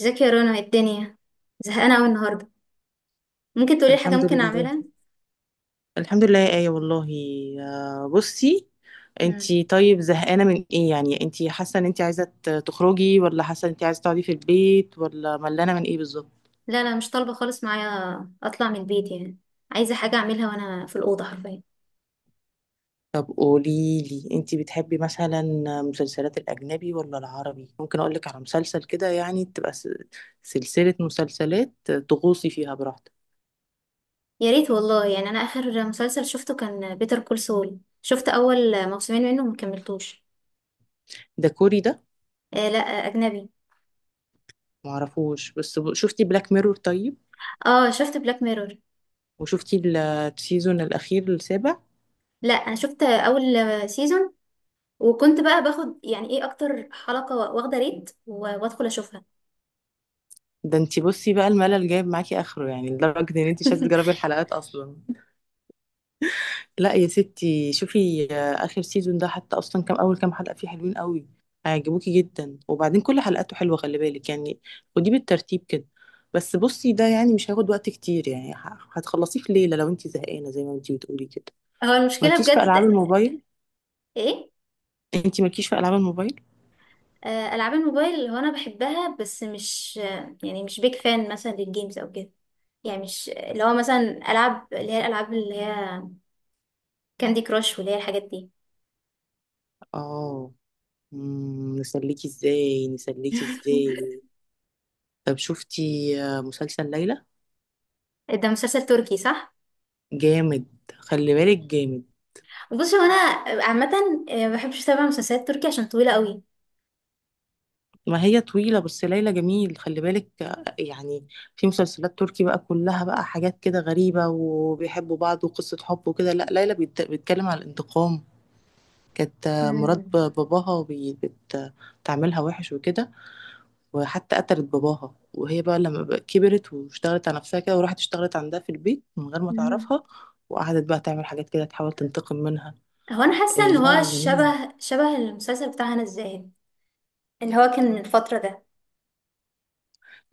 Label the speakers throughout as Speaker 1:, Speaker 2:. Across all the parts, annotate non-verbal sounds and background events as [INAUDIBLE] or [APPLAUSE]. Speaker 1: ازيك يا رنا؟ ايه الدنيا؟ زهقانه قوي النهارده. ممكن تقولي لي حاجه
Speaker 2: الحمد
Speaker 1: ممكن
Speaker 2: لله.
Speaker 1: اعملها؟
Speaker 2: الحمد لله يا آية والله. بصي،
Speaker 1: مم.
Speaker 2: انتي طيب زهقانة من ايه؟ يعني انتي حاسة ان انتي عايزة تخرجي، ولا حاسة ان انتي عايزة تقعدي في البيت، ولا ملانة من ايه بالظبط؟
Speaker 1: لا لا، مش طالبه خالص معايا اطلع من البيت يعني. عايزه حاجه اعملها وانا في الاوضه حرفيا.
Speaker 2: طب قوليلي، انتي بتحبي مثلا مسلسلات الأجنبي ولا العربي؟ ممكن أقولك على مسلسل كده يعني تبقى سلسلة مسلسلات تغوصي فيها براحتك.
Speaker 1: يا ريت والله، يعني انا اخر مسلسل شفته كان بيتر كول سول، شفت اول موسمين منه وما كملتوش.
Speaker 2: ده كوري ده؟
Speaker 1: آه لا، اجنبي.
Speaker 2: معرفوش، بس شفتي بلاك ميرور طيب؟
Speaker 1: اه، شفت بلاك ميرور.
Speaker 2: وشفتي السيزون الأخير السابع؟
Speaker 1: لا، انا شفت اول سيزون، وكنت بقى باخد يعني ايه اكتر حلقه واخده ريت وادخل اشوفها.
Speaker 2: ده انتي بصي بقى الملل جايب معاكي اخره، يعني لدرجة ان انتي مش عايزة تجربي
Speaker 1: [LAUGHS]
Speaker 2: الحلقات اصلا. لا يا ستي شوفي، اخر سيزون ده حتى اصلا كام، اول كام حلقة فيه حلوين قوي، هيعجبوكي جدا. وبعدين كل حلقاته حلوة، خلي بالك يعني، ودي بالترتيب كده. بس بصي، ده يعني مش هياخد وقت كتير، يعني هتخلصيه في ليلة لو انتي زهقانة زي ما انتي بتقولي كده.
Speaker 1: هو المشكله
Speaker 2: مالكيش في
Speaker 1: بجد.
Speaker 2: العاب الموبايل؟
Speaker 1: ايه؟
Speaker 2: انتي مالكيش في العاب الموبايل؟
Speaker 1: العاب الموبايل هو انا بحبها، بس مش يعني مش بيك فان مثلا للجيمز او كده. يعني مش اللي هو مثلا العاب اللي هي الالعاب اللي هي كاندي كراش واللي هي الحاجات دي.
Speaker 2: اه. نسليكي ازاي، نسليكي ازاي؟ طب شفتي مسلسل ليلى؟
Speaker 1: [LAUGHS] ده مسلسل تركي صح؟
Speaker 2: جامد، خلي بالك جامد.
Speaker 1: بص، هو انا عامه ما بحبش اتابع مسلسلات تركي عشان طويله قوي.
Speaker 2: ما هي طويلة بس ليلى جميل، خلي بالك يعني في مسلسلات تركي بقى كلها بقى حاجات كده غريبة وبيحبوا بعض وقصة حب وكده، لا ليلى بيتكلم على الانتقام. كانت مرات
Speaker 1: مم.
Speaker 2: باباها بتعملها وحش وكده، وحتى قتلت باباها. وهي بقى لما بقى كبرت واشتغلت على نفسها كده، وراحت اشتغلت عندها في البيت من غير ما
Speaker 1: مم.
Speaker 2: تعرفها، وقعدت بقى تعمل حاجات كده تحاول تنتقم منها.
Speaker 1: هو انا حاسه
Speaker 2: إيه
Speaker 1: ان هو
Speaker 2: لا جميل.
Speaker 1: شبه شبه المسلسل بتاع هنا الزاهد، اللي هو كان من الفتره ده.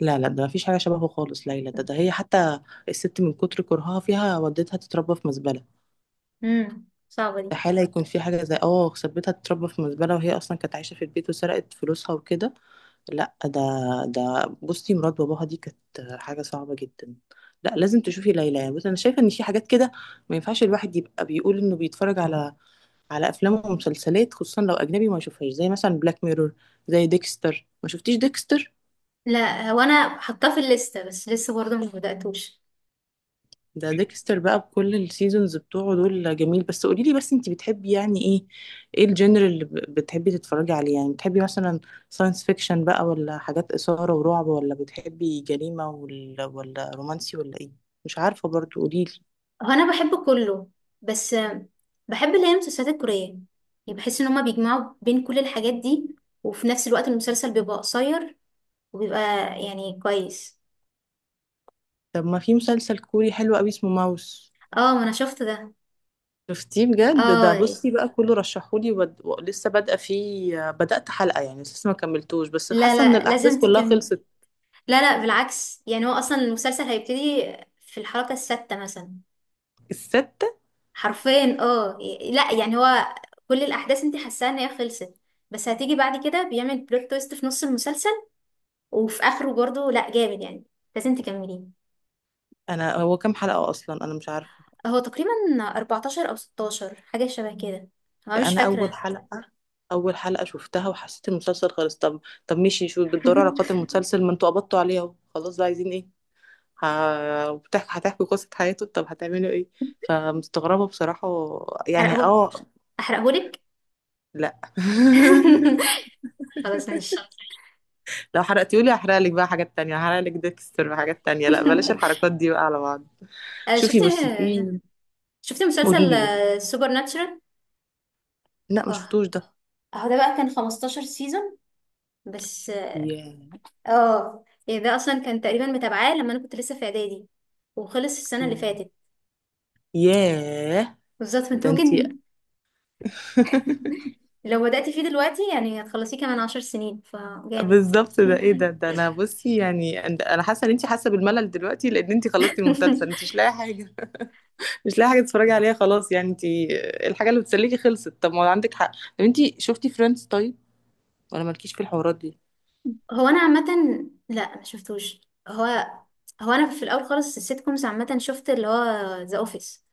Speaker 2: لا لا، ده مفيش حاجة شبهه خالص. ليلى ده، ده هي حتى الست من كتر كرهها فيها ودتها تتربى في مزبلة.
Speaker 1: صعبه دي.
Speaker 2: استحالة يكون في حاجة زي اه، سبتها تتربى في مزبلة، وهي أصلا كانت عايشة في البيت، وسرقت فلوسها وكده. لا ده، ده بصي مرات باباها دي كانت حاجة صعبة جدا. لا لازم تشوفي ليلى. يعني بصي، أنا شايفة إن في حاجات كده ما ينفعش الواحد يبقى بيقول إنه بيتفرج على، على أفلام ومسلسلات، خصوصا لو أجنبي، ما يشوفهاش، زي مثلا بلاك ميرور، زي ديكستر. ما شفتيش ديكستر؟
Speaker 1: لا، هو انا حاطاه في الليسته، بس لسه برضه مش بداتوش.
Speaker 2: ده ديكستر بقى بكل السيزونز بتوعه دول جميل. بس قولي لي بس، انت بتحبي يعني ايه؟ ايه الجنر اللي بتحبي تتفرجي عليه؟ يعني بتحبي مثلا ساينس فيكشن بقى، ولا حاجات إثارة ورعب، ولا بتحبي جريمة، ولا رومانسي، ولا ايه؟ مش عارفة برضو، قولي لي.
Speaker 1: هو انا بحب كله، بس بحب اللي هي المسلسلات الكورية، يعني بحس ان هما بيجمعوا بين كل الحاجات دي، وفي نفس الوقت المسلسل بيبقى قصير، وبيبقى يعني كويس.
Speaker 2: طب ما في مسلسل كوري حلو قوي اسمه ماوس.
Speaker 1: اه، ما انا شفت ده.
Speaker 2: شفتيه؟ بجد ده
Speaker 1: اه.
Speaker 2: بصي بقى كله رشحولي، لسه بادئه فيه، بدأت حلقة يعني، لسه ما كملتوش، بس
Speaker 1: لا
Speaker 2: حاسة ان
Speaker 1: لا،
Speaker 2: الأحداث
Speaker 1: لازم
Speaker 2: كلها
Speaker 1: تكمل.
Speaker 2: خلصت.
Speaker 1: لا لا، بالعكس، يعني هو اصلا المسلسل هيبتدي في الحلقة السادسة مثلا.
Speaker 2: الستة؟
Speaker 1: حرفيا اه. لا يعني هو كل الاحداث انت حاساها ان هي خلصت، بس هتيجي بعد كده بيعمل بلوت تويست في نص المسلسل، وفي اخره برضه. لا جامد يعني، لازم تكمليه.
Speaker 2: انا هو كام حلقة اصلا؟ انا مش عارفة.
Speaker 1: هو تقريبا 14 او 16 حاجه شبه كده، انا مش
Speaker 2: انا اول
Speaker 1: فاكره.
Speaker 2: حلقه، اول حلقه شفتها وحسيت المسلسل خلص. طب، طب ماشي، شو بتدوروا على قاتل
Speaker 1: [LAUGHS]
Speaker 2: المسلسل؟ ما انتوا قبضتوا عليه اهو، خلاص بقى عايزين ايه؟ بتحكي هتحكي قصه حياته؟ طب هتعملوا ايه؟ فمستغربه بصراحه يعني
Speaker 1: احرقه
Speaker 2: اه.
Speaker 1: احرقهولك.
Speaker 2: لا. [LAUGHS]
Speaker 1: [LAUGHS] خلاص ماشي.
Speaker 2: لو حرقتيولي هحرق لك بقى حاجات تانية، هحرق لك ديكستر وحاجات تانية. لا بلاش
Speaker 1: [LAUGHS]
Speaker 2: الحركات دي بقى على بعض.
Speaker 1: آه، شفت
Speaker 2: شوفي بصي في،
Speaker 1: شفت
Speaker 2: قولي
Speaker 1: مسلسل
Speaker 2: لي، قولي.
Speaker 1: سوبر ناتشرال.
Speaker 2: لا ما
Speaker 1: اه.
Speaker 2: شفتوش ده.
Speaker 1: اهو ده بقى كان 15 سيزون، بس اه.
Speaker 2: ياه.
Speaker 1: يعني ده اصلا كان تقريبا متابعاه لما انا كنت لسه في اعدادي، وخلص السنه اللي
Speaker 2: ياه،
Speaker 1: فاتت.
Speaker 2: ياه
Speaker 1: بالظبط. [LAUGHS] فانت
Speaker 2: ده انتي.
Speaker 1: ممكن
Speaker 2: [LAUGHS]
Speaker 1: لو بدأتي فيه دلوقتي يعني هتخلصيه كمان 10 سنين، فجامد.
Speaker 2: بالظبط، ده ايه ده؟
Speaker 1: [LAUGHS]
Speaker 2: ده انا بصي يعني، انا حاسه ان انت حاسه بالملل دلوقتي لان انت خلصتي المسلسل، انت مش لاقي حاجه. [LAUGHS] مش لاقي حاجه تتفرجي عليها خلاص، يعني انت الحاجه اللي بتسليكي خلصت. طب ما عندك حق. طب انت شفتي فريندز طيب؟ ولا مالكيش في الحوارات دي؟
Speaker 1: هو انا عامه، لا ما شفتوش. هو هو انا في الاول خالص السيت كومز عامه، شفت اللي هو ذا اوفيس.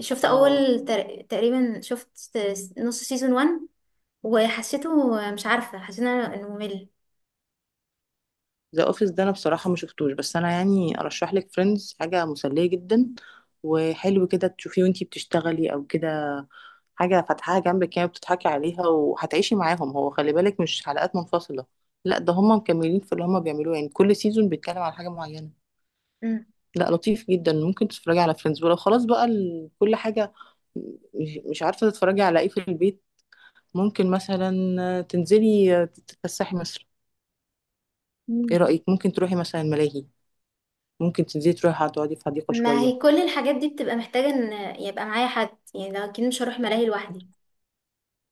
Speaker 2: اه،
Speaker 1: تقريبا شفت نص سيزون 1، وحسيته مش عارفه، حسيت إنه ممل.
Speaker 2: ذا اوفيس ده انا بصراحه ما شفتوش، بس انا يعني ارشح لك فريندز، حاجه مسليه جدا، وحلو كده تشوفيه وانتي بتشتغلي او كده، حاجه فاتحاها جنبك كده بتضحكي عليها وهتعيشي معاهم. هو خلي بالك مش حلقات منفصله، لا ده هم مكملين في اللي هم بيعملوه، يعني كل سيزون بيتكلم على حاجه معينه.
Speaker 1: أمم.
Speaker 2: لا لطيف جدا، ممكن تتفرجي على فريندز. ولو خلاص بقى كل حاجه، مش عارفه تتفرجي على ايه في البيت، ممكن مثلا تنزلي تتفسحي مصر. ايه
Speaker 1: مم.
Speaker 2: رايك؟ ممكن تروحي مثلا الملاهي، ممكن تنزلي تروحي هتقعدي في حديقة
Speaker 1: ما هي
Speaker 2: شوية.
Speaker 1: كل الحاجات دي بتبقى محتاجه ان يبقى معايا حد، يعني لو اكيد مش هروح ملاهي لوحدي.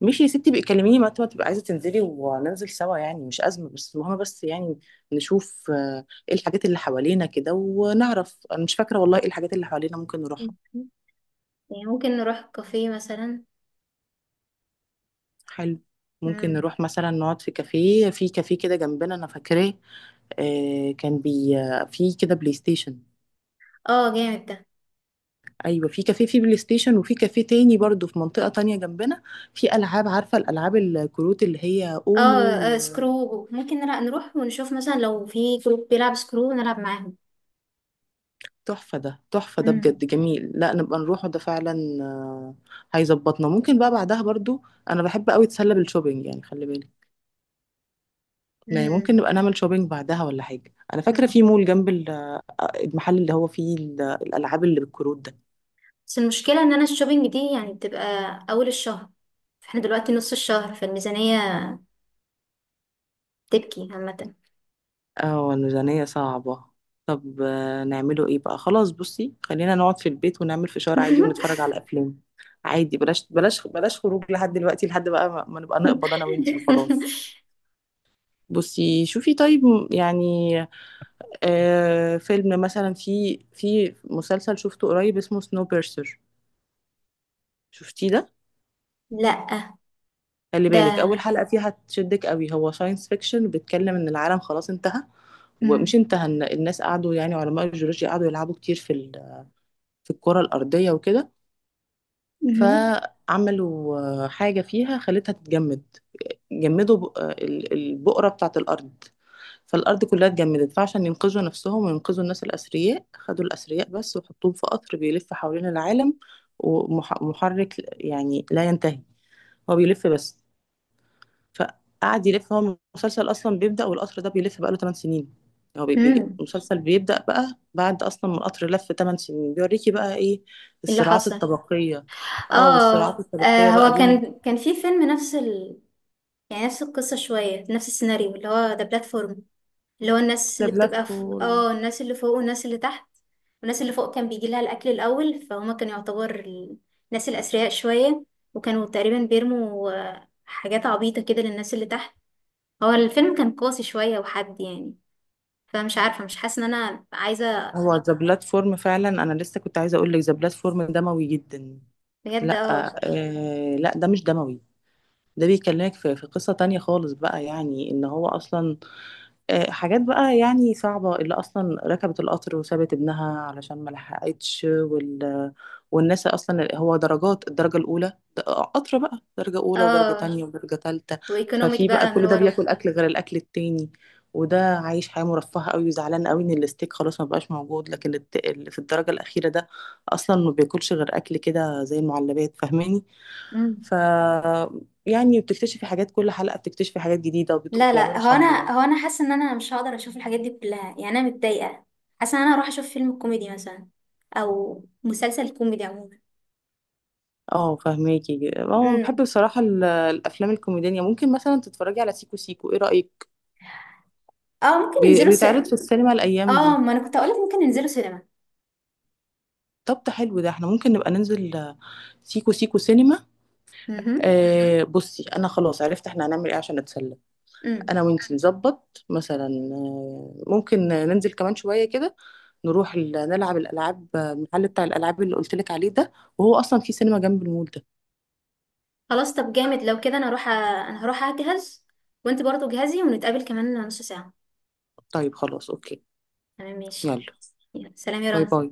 Speaker 2: ماشي يا ستي، بقى كلميني متى ما تبقى عايزة تنزلي وننزل سوا، يعني مش أزمة. بس المهم بس يعني، نشوف ايه الحاجات اللي حوالينا كده ونعرف. أنا مش فاكرة والله ايه الحاجات اللي حوالينا ممكن نروحها.
Speaker 1: مم. يعني ممكن نروح كافيه مثلا.
Speaker 2: حلو، ممكن
Speaker 1: امم.
Speaker 2: نروح مثلا نقعد في كافيه، في كافيه كده جنبنا أنا فاكراه، آه، كان بي آه، في كده بلاي ستيشن.
Speaker 1: اه جامد ده.
Speaker 2: ايوه في كافيه في بلاي ستيشن، وفي كافيه تاني برضو في منطقه تانية جنبنا، في العاب، عارفه الالعاب الكروت اللي هي
Speaker 1: اه،
Speaker 2: اونو.
Speaker 1: سكرو، ممكن نروح ونشوف مثلا لو في جروب بيلعب سكرو نلعب معاهم.
Speaker 2: تحفة ده، تحفة ده
Speaker 1: مم.
Speaker 2: بجد جميل، لا نبقى نروحه ده فعلا. آه، هيظبطنا. ممكن بقى بعدها برضو، انا بحب قوي اتسلى بالشوبينج يعني خلي بالك، يعني ممكن
Speaker 1: مم.
Speaker 2: نبقى نعمل شوبينج بعدها ولا حاجة. انا فاكرة
Speaker 1: مم.
Speaker 2: في مول جنب المحل اللي هو فيه الالعاب اللي بالكروت ده.
Speaker 1: بس المشكلة ان انا الشوبينج دي يعني بتبقى اول الشهر، احنا دلوقتي نص الشهر، فالميزانية تبكي عامة.
Speaker 2: اه الميزانية صعبة. طب نعمله ايه بقى؟ خلاص بصي خلينا نقعد في البيت ونعمل فشار عادي
Speaker 1: [LAUGHS]
Speaker 2: ونتفرج على افلام عادي. بلاش، بلاش، بلاش خروج لحد دلوقتي، لحد بقى ما نبقى نقبض انا وانتي وخلاص. بصي شوفي طيب، يعني آه، فيلم مثلا، في، في مسلسل شفته قريب اسمه سنو بيرسر. شفتيه ده؟
Speaker 1: لا
Speaker 2: خلي
Speaker 1: ده.
Speaker 2: بالك اول حلقة فيها تشدك قوي. هو ساينس فيكشن، بيتكلم ان العالم خلاص انتهى. ومش
Speaker 1: مم.
Speaker 2: انتهى، إن الناس قعدوا يعني علماء الجيولوجيا قعدوا يلعبوا كتير في في الكرة الأرضية وكده،
Speaker 1: مم.
Speaker 2: فعملوا حاجة فيها خلتها تتجمد. جمدوا البقرة بتاعت الأرض، فالأرض كلها اتجمدت. فعشان ينقذوا نفسهم وينقذوا الناس الأثرياء، خدوا الأثرياء بس وحطوهم في قطر بيلف حوالين العالم، ومحرك يعني لا ينتهي، هو بيلف بس. فقعد يلف، هو المسلسل اصلا بيبدأ والقطر ده بيلف بقاله 8 سنين. هو بيجي
Speaker 1: مم.
Speaker 2: المسلسل بيبدأ بقى بعد اصلا ما القطر لف 8 سنين، بيوريكي بقى ايه
Speaker 1: إيه اللي
Speaker 2: الصراعات
Speaker 1: حصل؟
Speaker 2: الطبقية. اه والصراعات
Speaker 1: اه،
Speaker 2: الطبقية بقى
Speaker 1: هو
Speaker 2: بين.
Speaker 1: كان في فيلم نفس يعني نفس القصة شوية، نفس السيناريو اللي هو ذا بلاتفورم، اللي هو الناس
Speaker 2: ذا
Speaker 1: اللي بتبقى في
Speaker 2: بلاتفورم،
Speaker 1: اه الناس اللي فوق والناس اللي تحت، والناس اللي فوق كان بيجي لها الأكل الأول، فهما كانوا يعتبر الناس الأثرياء شوية، وكانوا تقريبا بيرموا حاجات عبيطة كده للناس اللي تحت. هو الفيلم كان قاسي شوية وحد يعني، فمش عارفة مش حاسة إن أنا عايزة.
Speaker 2: هو ذا بلاتفورم فعلا انا لسه كنت عايزة اقول لك ذا بلاتفورم دموي جدا.
Speaker 1: بجد
Speaker 2: لا،
Speaker 1: اه.
Speaker 2: آه لا ده مش دموي. ده بيكلمك في، في قصة تانية خالص بقى، يعني ان هو اصلا حاجات بقى يعني صعبة، اللي أصلا ركبت القطر وسابت ابنها علشان ما لحقتش والناس أصلا. هو درجات، الدرجة الأولى، قطر بقى درجة أولى ودرجة
Speaker 1: اه،
Speaker 2: تانية ودرجة تالتة.
Speaker 1: وإيكونوميك
Speaker 2: ففي بقى
Speaker 1: بقى من
Speaker 2: كل ده
Speaker 1: ورا.
Speaker 2: بياكل أكل غير الأكل التاني، وده عايش حياة مرفهة قوي وزعلان قوي إن الستيك خلاص ما بقاش موجود. لكن اللي في الدرجة الأخيرة ده أصلا ما بياكلش غير أكل كده زي المعلبات، فاهماني؟
Speaker 1: مم.
Speaker 2: ف يعني بتكتشفي حاجات، كل حلقة بتكتشفي حاجات جديدة،
Speaker 1: لا لا،
Speaker 2: وبيعملوا
Speaker 1: هو أنا
Speaker 2: ثورة.
Speaker 1: هو أنا حاسة إن أنا مش هقدر أشوف الحاجات دي كلها، يعني أنا متضايقة، حاسة إن أنا هروح أشوف فيلم كوميدي مثلا، أو مسلسل كوميدي
Speaker 2: اه فهماكي. اه بحب
Speaker 1: عموما.
Speaker 2: بصراحة الأفلام الكوميدية، ممكن مثلا تتفرجي على سيكو سيكو، ايه رأيك؟
Speaker 1: اه ممكن ننزلوا
Speaker 2: بيتعرض
Speaker 1: سينما.
Speaker 2: في السينما الأيام
Speaker 1: اه،
Speaker 2: دي.
Speaker 1: ما انا كنت هقولك ممكن ننزلوا سينما.
Speaker 2: طب ده حلو، ده احنا ممكن نبقى ننزل سيكو سيكو سينما.
Speaker 1: مهم.
Speaker 2: آه بصي، أنا خلاص عرفت احنا هنعمل ايه عشان نتسلى. أنا
Speaker 1: امم.
Speaker 2: وانتي نظبط مثلا، ممكن ننزل كمان شوية كده، نروح نلعب الألعاب، المحل بتاع الألعاب اللي قلتلك عليه ده، وهو أصلا في سينما جنب المول ده.
Speaker 1: خلاص طب جامد لو كده، انا هروح اجهز، وانت برضو جهزي، ونتقابل كمان نص ساعة.
Speaker 2: طيب خلاص أوكي.
Speaker 1: تمام ماشي.
Speaker 2: يلا.
Speaker 1: يلا، سلام يا
Speaker 2: باي
Speaker 1: رنا.
Speaker 2: باي.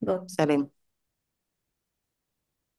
Speaker 1: باي.
Speaker 2: سلام.